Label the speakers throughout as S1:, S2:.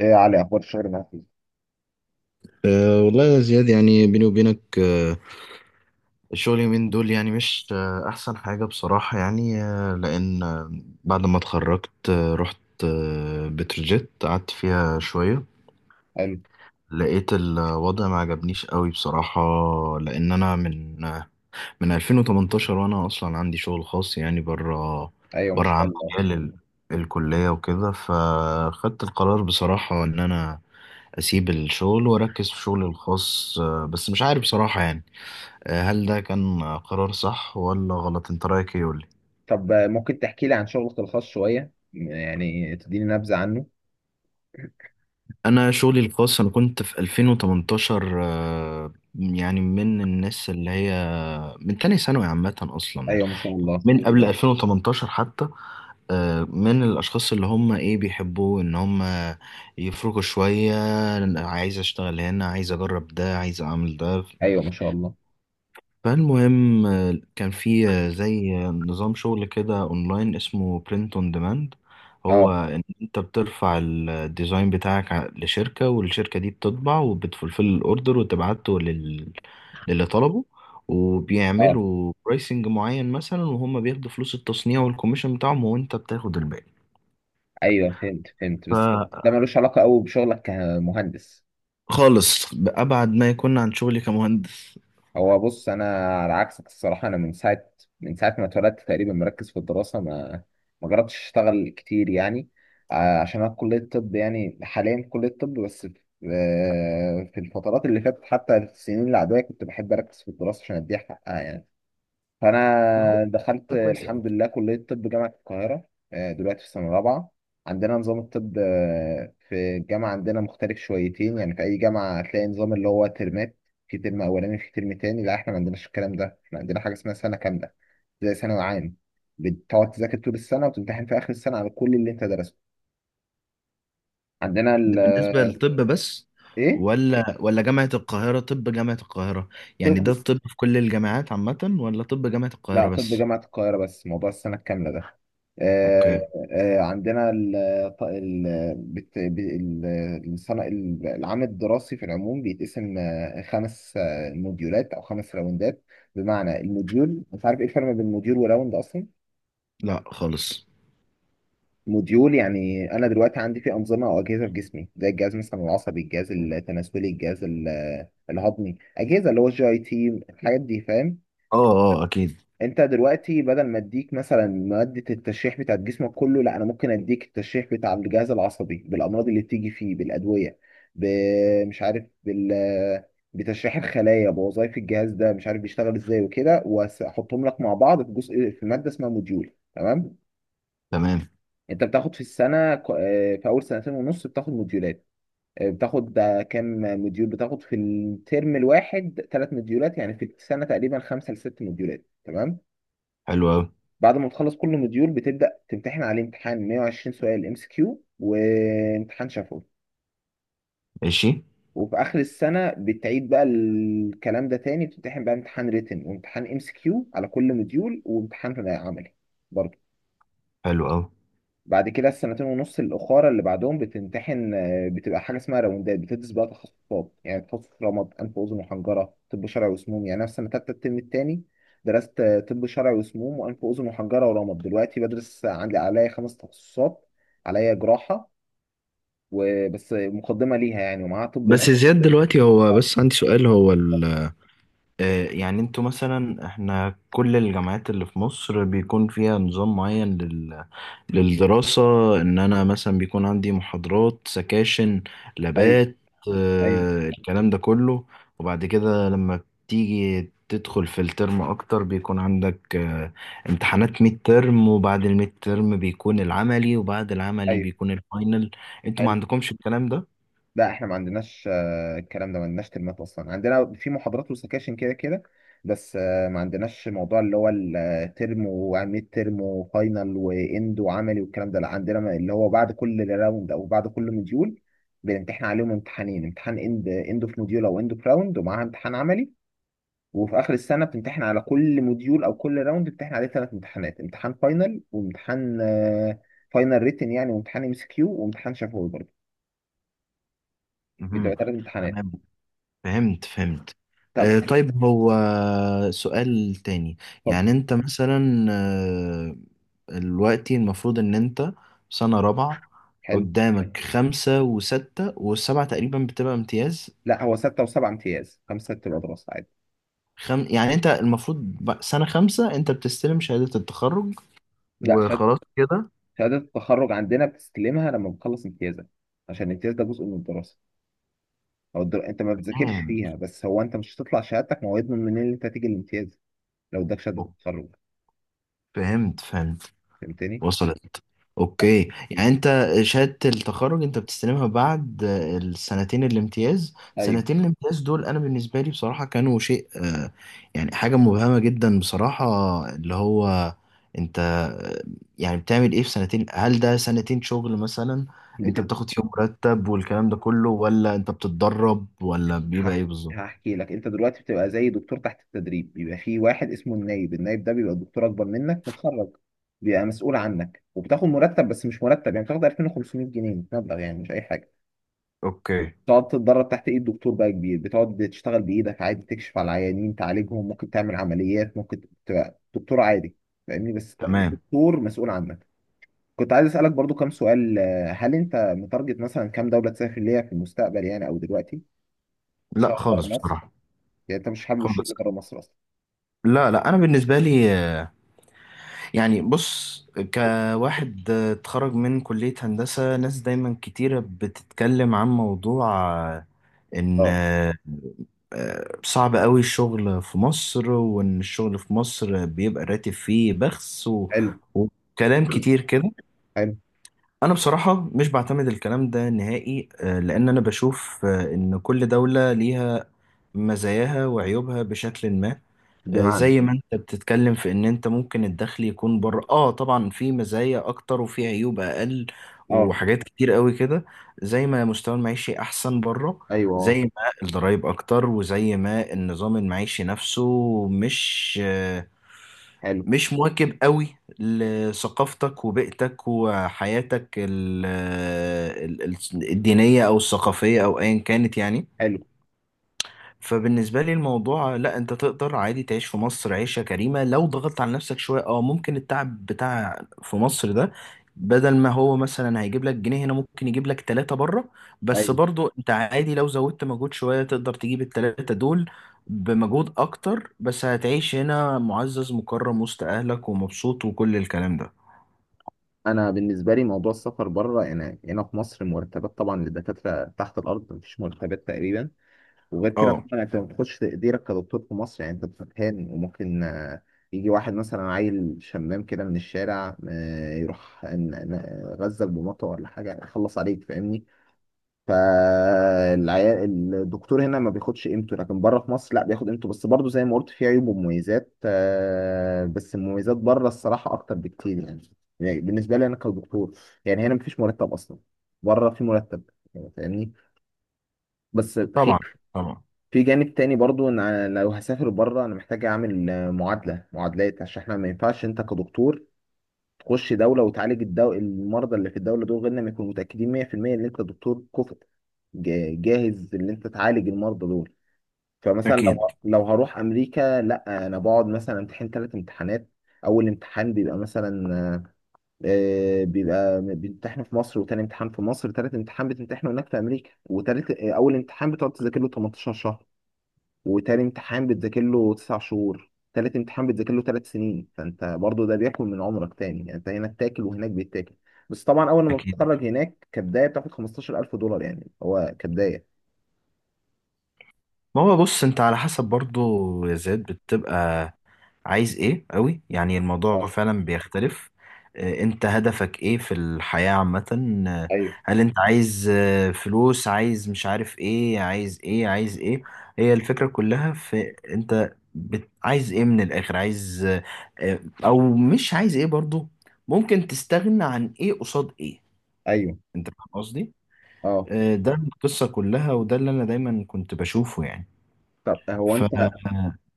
S1: ايه يا علي، اخبار الشغل معاك إيه؟
S2: والله يا زياد، يعني بيني وبينك الشغل اليومين دول يعني مش أحسن حاجة بصراحة. يعني أه لأن أه بعد ما اتخرجت رحت بتروجيت، قعدت فيها شوية،
S1: حلو.
S2: لقيت الوضع ما عجبنيش قوي بصراحة. لأن أنا من 2018 وأنا أصلا عندي شغل خاص يعني بره،
S1: ايوه ما
S2: بره
S1: شاء
S2: عن
S1: الله.
S2: مجال الكلية وكده. فخدت القرار بصراحة إن أنا أسيب الشغل وأركز في شغلي الخاص. بس مش عارف بصراحة يعني، هل ده كان قرار صح ولا غلط؟ انت رايك ايه؟ قولي.
S1: طب ممكن تحكي لي عن شغلك الخاص شويه، يعني تديني نبذه عنه.
S2: انا شغلي الخاص، انا كنت في 2018 يعني من الناس اللي هي من تاني ثانوي عامة اصلا،
S1: ايوه ما شاء الله.
S2: من قبل 2018 حتى. من الاشخاص اللي هم ايه، بيحبوا ان هم يفرقوا شوية. عايز اشتغل هنا، عايز اجرب ده، عايز اعمل ده.
S1: ايوه ما شاء الله.
S2: فالمهم آه، كان في آه، زي آه، نظام شغل كده اونلاين اسمه برنت اون ديماند. هو
S1: اه.
S2: ان انت بترفع الديزاين بتاعك لشركة، والشركة دي بتطبع وبتفلفل الاوردر وتبعته للي طلبه،
S1: اه.
S2: وبيعملوا برايسنج معين مثلا، وهم بياخدوا فلوس التصنيع والكوميشن بتاعهم، وانت بتاخد الباقي.
S1: ايوه، فهمت بس ده ملوش علاقه قوي بشغلك كمهندس.
S2: فخالص بأبعد ما يكون عن شغلي كمهندس.
S1: هو بص، انا على عكسك الصراحه، انا من ساعه ما اتولدت تقريبا مركز في الدراسه، ما جربتش اشتغل كتير يعني. عشان انا في كليه الطب، يعني حاليا في كليه الطب، بس في في الفترات اللي فاتت، حتى في السنين العاديه، كنت بحب اركز في الدراسه عشان اديها حقها يعني.
S2: هو
S1: فانا دخلت
S2: ده كويس أوي؟
S1: الحمد لله كليه طب جامعه القاهره. دلوقتي في سنه رابعه. عندنا نظام الطب في الجامعه عندنا مختلف شويتين. يعني في اي جامعه هتلاقي نظام اللي هو ترمات، في ترم اولاني في ترم تاني. لا احنا ما عندناش الكلام ده، احنا عندنا حاجه اسمها سنه كامله، زي ثانوي عام، بتقعد تذاكر طول السنه وتمتحن في اخر السنه على كل اللي انت درسته. عندنا ال
S2: ده
S1: آه،
S2: بالنسبة للطب بس
S1: ايه.
S2: ولا جامعة القاهرة؟ طب جامعة القاهرة،
S1: طب،
S2: يعني ده الطب في كل الجامعات عامة ولا طب جامعة
S1: لا
S2: القاهرة
S1: طب
S2: بس؟
S1: جامعة القاهرة بس موضوع السنة الكاملة ده. آه.
S2: اوكي.
S1: آه عندنا ال ط- ال بت- ب- ال- العام الدراسي في العموم بيتقسم خمس موديولات أو خمس راوندات. بمعنى الموديول، مش عارف إيه الفرق بين موديول وراوند أصلا.
S2: لا خالص.
S1: موديول يعني أنا دلوقتي عندي فيه أنظمة أو أجهزة في جسمي، زي الجهاز مثلا العصبي، الجهاز التناسلي، الجهاز الهضمي، أجهزة اللي هو الجي أي تي، الحاجات دي، فاهم؟
S2: اه. اه اكيد.
S1: انت دلوقتي بدل ما اديك مثلا مادة التشريح بتاعت جسمك كله، لا، انا ممكن اديك التشريح بتاع الجهاز العصبي بالامراض اللي بتيجي فيه، بالادوية، ب- مش عارف بال بتشريح الخلايا، بوظائف الجهاز ده، مش عارف بيشتغل ازاي وكده، واحطهم لك مع بعض في جزء، في مادة اسمها موديول، تمام.
S2: تمام.
S1: انت بتاخد في السنة في اول سنتين ونص بتاخد موديولات. اه، بتاخد كام موديول بتاخد في الترم الواحد؟ ثلاث موديولات، يعني في السنة تقريبا خمسة لست موديولات، تمام.
S2: حلو اوي.
S1: بعد ما تخلص كل موديول بتبدأ تمتحن عليه امتحان 120 سؤال ام سي كيو وامتحان شفوي.
S2: ماشي.
S1: وفي آخر السنة بتعيد بقى الكلام ده تاني، بتمتحن بقى امتحان ريتن وامتحان ام سي كيو على كل موديول وامتحان عملي برضه.
S2: حلو اوي.
S1: بعد كده السنتين ونص الاخاره اللي بعدهم بتمتحن بتبقى حاجه اسمها راوندات، بتدرس بقى تخصصات، يعني تخصص رمد، انف واذن وحنجره، طب شرعي وسموم. يعني انا في سنه تالته الترم التاني درست طب شرعي وسموم، وانف واذن وحنجره، ورمد. دلوقتي بدرس، عندي عليا خمس تخصصات، عليا جراحه وبس، مقدمه ليها يعني، ومعاها طب
S2: بس
S1: نفسي.
S2: زياد دلوقتي، هو
S1: اه.
S2: بس عندي سؤال، هو ال، يعني انتوا مثلا، احنا كل الجامعات اللي في مصر بيكون فيها نظام معين للدراسة، إن أنا مثلا بيكون عندي محاضرات، سكاشن،
S1: ايوه.
S2: لابات،
S1: ايوه.
S2: الكلام ده كله. وبعد كده لما بتيجي تدخل في الترم أكتر، بيكون عندك امتحانات ميد ترم، وبعد الميد ترم بيكون العملي، وبعد العملي
S1: ايوه.
S2: بيكون الفاينل. أنتوا ما
S1: حلو.
S2: عندكمش الكلام ده؟
S1: لا احنا ما عندناش الكلام ده، ما عندناش ترمات اصلا، عندنا في محاضرات وسكاشن كده كده. بس ما عندناش موضوع اللي هو الترم وميد ترم وفاينل واند وعملي والكلام ده، لا، عندنا اللي هو بعد كل راوند او بعد كل مديول بنمتحن عليهم امتحانين، امتحان اند اوف موديول او اند اوف راوند ومعاها امتحان عملي. وفي اخر السنه بتمتحن على كل موديول او كل راوند، بتمتحن عليه ثلاث امتحانات: امتحان فاينل، وامتحان فاينل ريتن يعني، وامتحان ام اس كيو وامتحان شفوي برضه. بيبقى
S2: مهم.
S1: ثلاث امتحانات.
S2: تمام. فهمت فهمت.
S1: طب.
S2: طيب هو سؤال تاني،
S1: اتفضل.
S2: يعني أنت مثلا دلوقتي المفروض ان انت سنة رابعة،
S1: حلو.
S2: قدامك خمسة وستة، والسبعة تقريبا بتبقى امتياز.
S1: لا، هو ستة وسبعة امتياز، خمسة بتبقى دراسة عادي.
S2: يعني انت المفروض سنة خمسة انت بتستلم شهادة التخرج
S1: لا، شهادة،
S2: وخلاص كده؟
S1: شهادة التخرج عندنا بتستلمها لما بتخلص امتيازك، عشان الامتياز ده جزء من الدراسة. أنت ما بتذاكرش
S2: تمام.
S1: فيها، بس هو أنت مش هتطلع شهادتك، ما هو يضمن منين إن أنت تيجي الامتياز لو اداك شهادة
S2: أوك-
S1: التخرج.
S2: فهمت فهمت.
S1: فهمتني؟
S2: وصلت. اوكي، يعني انت شهادة التخرج انت بتستلمها بعد السنتين الامتياز.
S1: أيوه.
S2: سنتين الامتياز دول انا بالنسبة لي بصراحة كانوا شيء يعني حاجة مبهمة جدا بصراحة. اللي هو انت يعني بتعمل ايه في سنتين؟ هل ده سنتين شغل مثلا؟ انت
S1: بتبقى
S2: بتاخد فيهم مرتب والكلام ده كله، ولا انت بتتدرب، ولا بيبقى ايه بالظبط؟
S1: هحكي لك. أنت دلوقتي بتبقى زي دكتور تحت التدريب، بيبقى في واحد اسمه النايب، النايب ده بيبقى دكتور أكبر منك متخرج، بيبقى مسؤول عنك، وبتاخد مرتب، بس مش مرتب، يعني بتاخد 2500 جنيه، مبلغ يعني مش أي حاجة.
S2: اوكي.
S1: تقعد تتدرب تحت ايد دكتور بقى كبير، بتقعد تشتغل بايدك عادي، تكشف على العيانين تعالجهم، ممكن تعمل عمليات، ممكن تبقى دكتور عادي، فاهمني، بس بقى في
S2: تمام.
S1: دكتور مسؤول عنك. كنت عايز اسالك برضو كام سؤال. هل انت متارجت مثلا كام دوله تسافر ليها في المستقبل يعني، او دلوقتي
S2: لا
S1: تشتغل بره
S2: خالص
S1: مصر؟
S2: بصراحة.
S1: يعني انت مش حابب
S2: خالص.
S1: الشغل بره مصر اصلا؟
S2: لا انا بالنسبه لي، يعني بص، كواحد اتخرج من كلية هندسة، ناس دايما كتيرة بتتكلم عن موضوع آه، إن
S1: اه.
S2: آه، آه، صعب قوي الشغل في مصر، وإن الشغل في مصر بيبقى الراتب فيه بخس و...
S1: حلو.
S2: وكلام كتير كده.
S1: حلو.
S2: أنا بصراحة مش بعتمد الكلام ده نهائي، لأن أنا بشوف إن كل دولة ليها مزاياها وعيوبها بشكل ما.
S1: بمعنى؟
S2: زي ما انت بتتكلم في ان انت ممكن الدخل يكون بره، اه طبعا، في مزايا اكتر وفي عيوب اقل
S1: اه.
S2: وحاجات كتير قوي كده. زي ما مستوى المعيشي احسن بره،
S1: ايوه. اه.
S2: زي ما الضرايب اكتر، وزي ما النظام المعيشي نفسه مش
S1: حلو.
S2: مش مواكب قوي لثقافتك وبيئتك وحياتك الدينية او الثقافية او ايا كانت، يعني.
S1: حلو.
S2: فبالنسبة لي الموضوع، لا، انت تقدر عادي تعيش في مصر عيشة كريمة لو ضغطت على نفسك شوية. اه ممكن التعب بتاع في مصر ده، بدل ما هو مثلا هيجيب لك جنيه هنا ممكن يجيب لك ثلاثة بره، بس
S1: ايوه،
S2: برضو انت عادي لو زودت مجهود شوية تقدر تجيب الثلاثة دول بمجهود اكتر، بس هتعيش هنا معزز مكرم وسط اهلك ومبسوط وكل الكلام ده.
S1: انا بالنسبه لي موضوع السفر بره، يعني هنا في مصر، مرتبات طبعا للدكاتره تحت الارض، مفيش مرتبات تقريبا. وغير كده
S2: اه.
S1: طبعا، انت ما بتخش تقديرك كدكتور في مصر، يعني انت بتتهان، وممكن يجي واحد مثلا عيل شمام كده من الشارع يروح غزك بمطوه ولا حاجه، يخلص عليك، فاهمني؟ فالعيال الدكتور هنا ما بياخدش قيمته، لكن بره في مصر لا، بياخد قيمته. بس برضه زي ما قلت، في عيوب ومميزات بس المميزات بره الصراحه اكتر بكتير يعني. يعني بالنسبه لي انا كدكتور، يعني هنا مفيش مرتب اصلا، بره في مرتب، يعني فاهمني؟ بس في
S2: طبعا. طبعا.
S1: في جانب تاني برضو، ان أنا لو هسافر بره، انا محتاج اعمل معادلات، عشان احنا ما ينفعش انت كدكتور تخش دوله وتعالج المرضى اللي في الدوله دول، غير لما يكونوا متاكدين 100% ان انت دكتور كفء، جاهز ان انت تعالج المرضى دول. فمثلا
S2: اكيد.
S1: لو هروح امريكا، لا، انا بقعد مثلا امتحن ثلاث امتحانات. اول امتحان بيبقى مثلا بيبقى بيمتحنوا في مصر، وتاني امتحان في مصر، تالت امتحان بتمتحنه هناك في امريكا. وتالت آه، اول امتحان بتقعد تذاكر له 18 شهر، وتاني امتحان بتذاكر له تسع شهور، تالت امتحان بتذاكر له ثلاث سنين. فانت برضو ده بياكل من عمرك تاني، يعني انت هنا بتاكل وهناك بيتاكل. بس طبعا اول ما
S2: اكيد.
S1: بتتخرج هناك كبدايه بتاخد 15000 دولار، يعني هو كبدايه.
S2: ما هو بص، انت على حسب برضو يا زياد، بتبقى عايز ايه قوي، يعني
S1: اه.
S2: الموضوع فعلا بيختلف. انت هدفك ايه في الحياة عامة؟ آه،
S1: ايوه.
S2: هل انت عايز فلوس، عايز مش عارف ايه، عايز ايه عايز ايه؟ هي الفكرة كلها في انت عايز ايه من الاخر؟ عايز او مش عايز ايه برضو؟ ممكن تستغنى عن ايه قصاد ايه؟
S1: ايوه.
S2: انت فاهم قصدي؟
S1: اه.
S2: ده القصة كلها، وده اللي انا دايما كنت بشوفه يعني.
S1: طب
S2: ف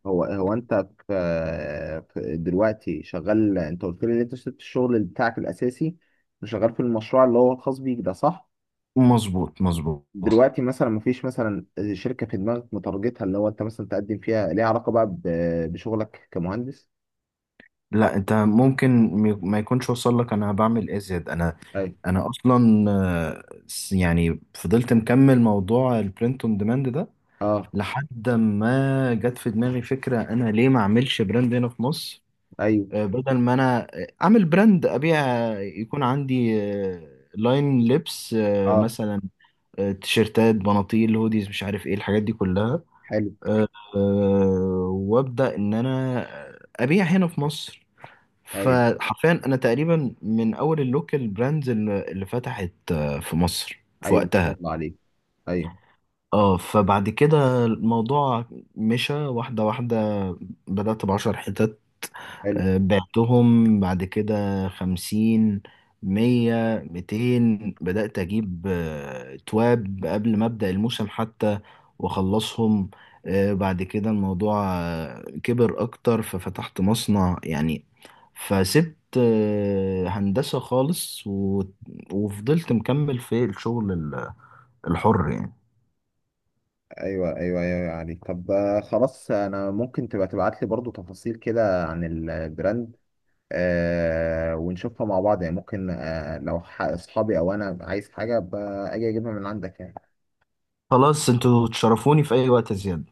S1: هو انت في، في دلوقتي شغال، انت قلت لي ان انت سبت الشغل بتاعك الاساسي وشغال في المشروع اللي هو الخاص بيك ده، صح؟
S2: مظبوط مظبوط.
S1: دلوقتي مثلا مفيش مثلا شركة في دماغك متارجتها، اللي هو انت مثلا تقدم فيها، ليها علاقة بقى بشغلك كمهندس؟
S2: لا انت ممكن ما يكونش وصل لك انا بعمل ايه زياد. انا،
S1: ايوه.
S2: انا اصلا يعني فضلت مكمل موضوع البرنت اون ديماند ده،
S1: اه.
S2: لحد ما جت في دماغي فكرة: انا ليه ما اعملش براند هنا في مصر؟
S1: ايوه.
S2: بدل ما انا اعمل براند، ابيع، يكون عندي لاين لبس
S1: اه.
S2: مثلا تيشيرتات، بناطيل، هوديز، مش عارف ايه الحاجات دي كلها.
S1: حلو.
S2: وابدا ان انا ابيع هنا في مصر.
S1: ايوه.
S2: فحرفيا انا تقريبا من اول اللوكال براندز اللي فتحت في مصر في
S1: ايوه ما شاء
S2: وقتها.
S1: الله عليك. ايوه.
S2: اه. فبعد كده الموضوع مشى واحدة واحدة. بدأت بـ10 حتت،
S1: حلو.
S2: بعتهم، بعد كده 50، 100، 200. بدأت أجيب تواب قبل ما أبدأ الموسم حتى وأخلصهم. بعد كده الموضوع كبر أكتر ففتحت مصنع يعني. فسبت هندسة خالص و... وفضلت مكمل في الشغل الحر يعني.
S1: ايوه. ايوه. ايوه. أيوه عليك. طب خلاص، انا ممكن تبقى تبعت لي برضو تفاصيل كده عن البراند ونشوفها مع بعض يعني. ممكن لو اصحابي او انا عايز حاجة أبقى اجيبها من عندك يعني.
S2: خلاص انتوا تشرفوني في أي وقت زيادة.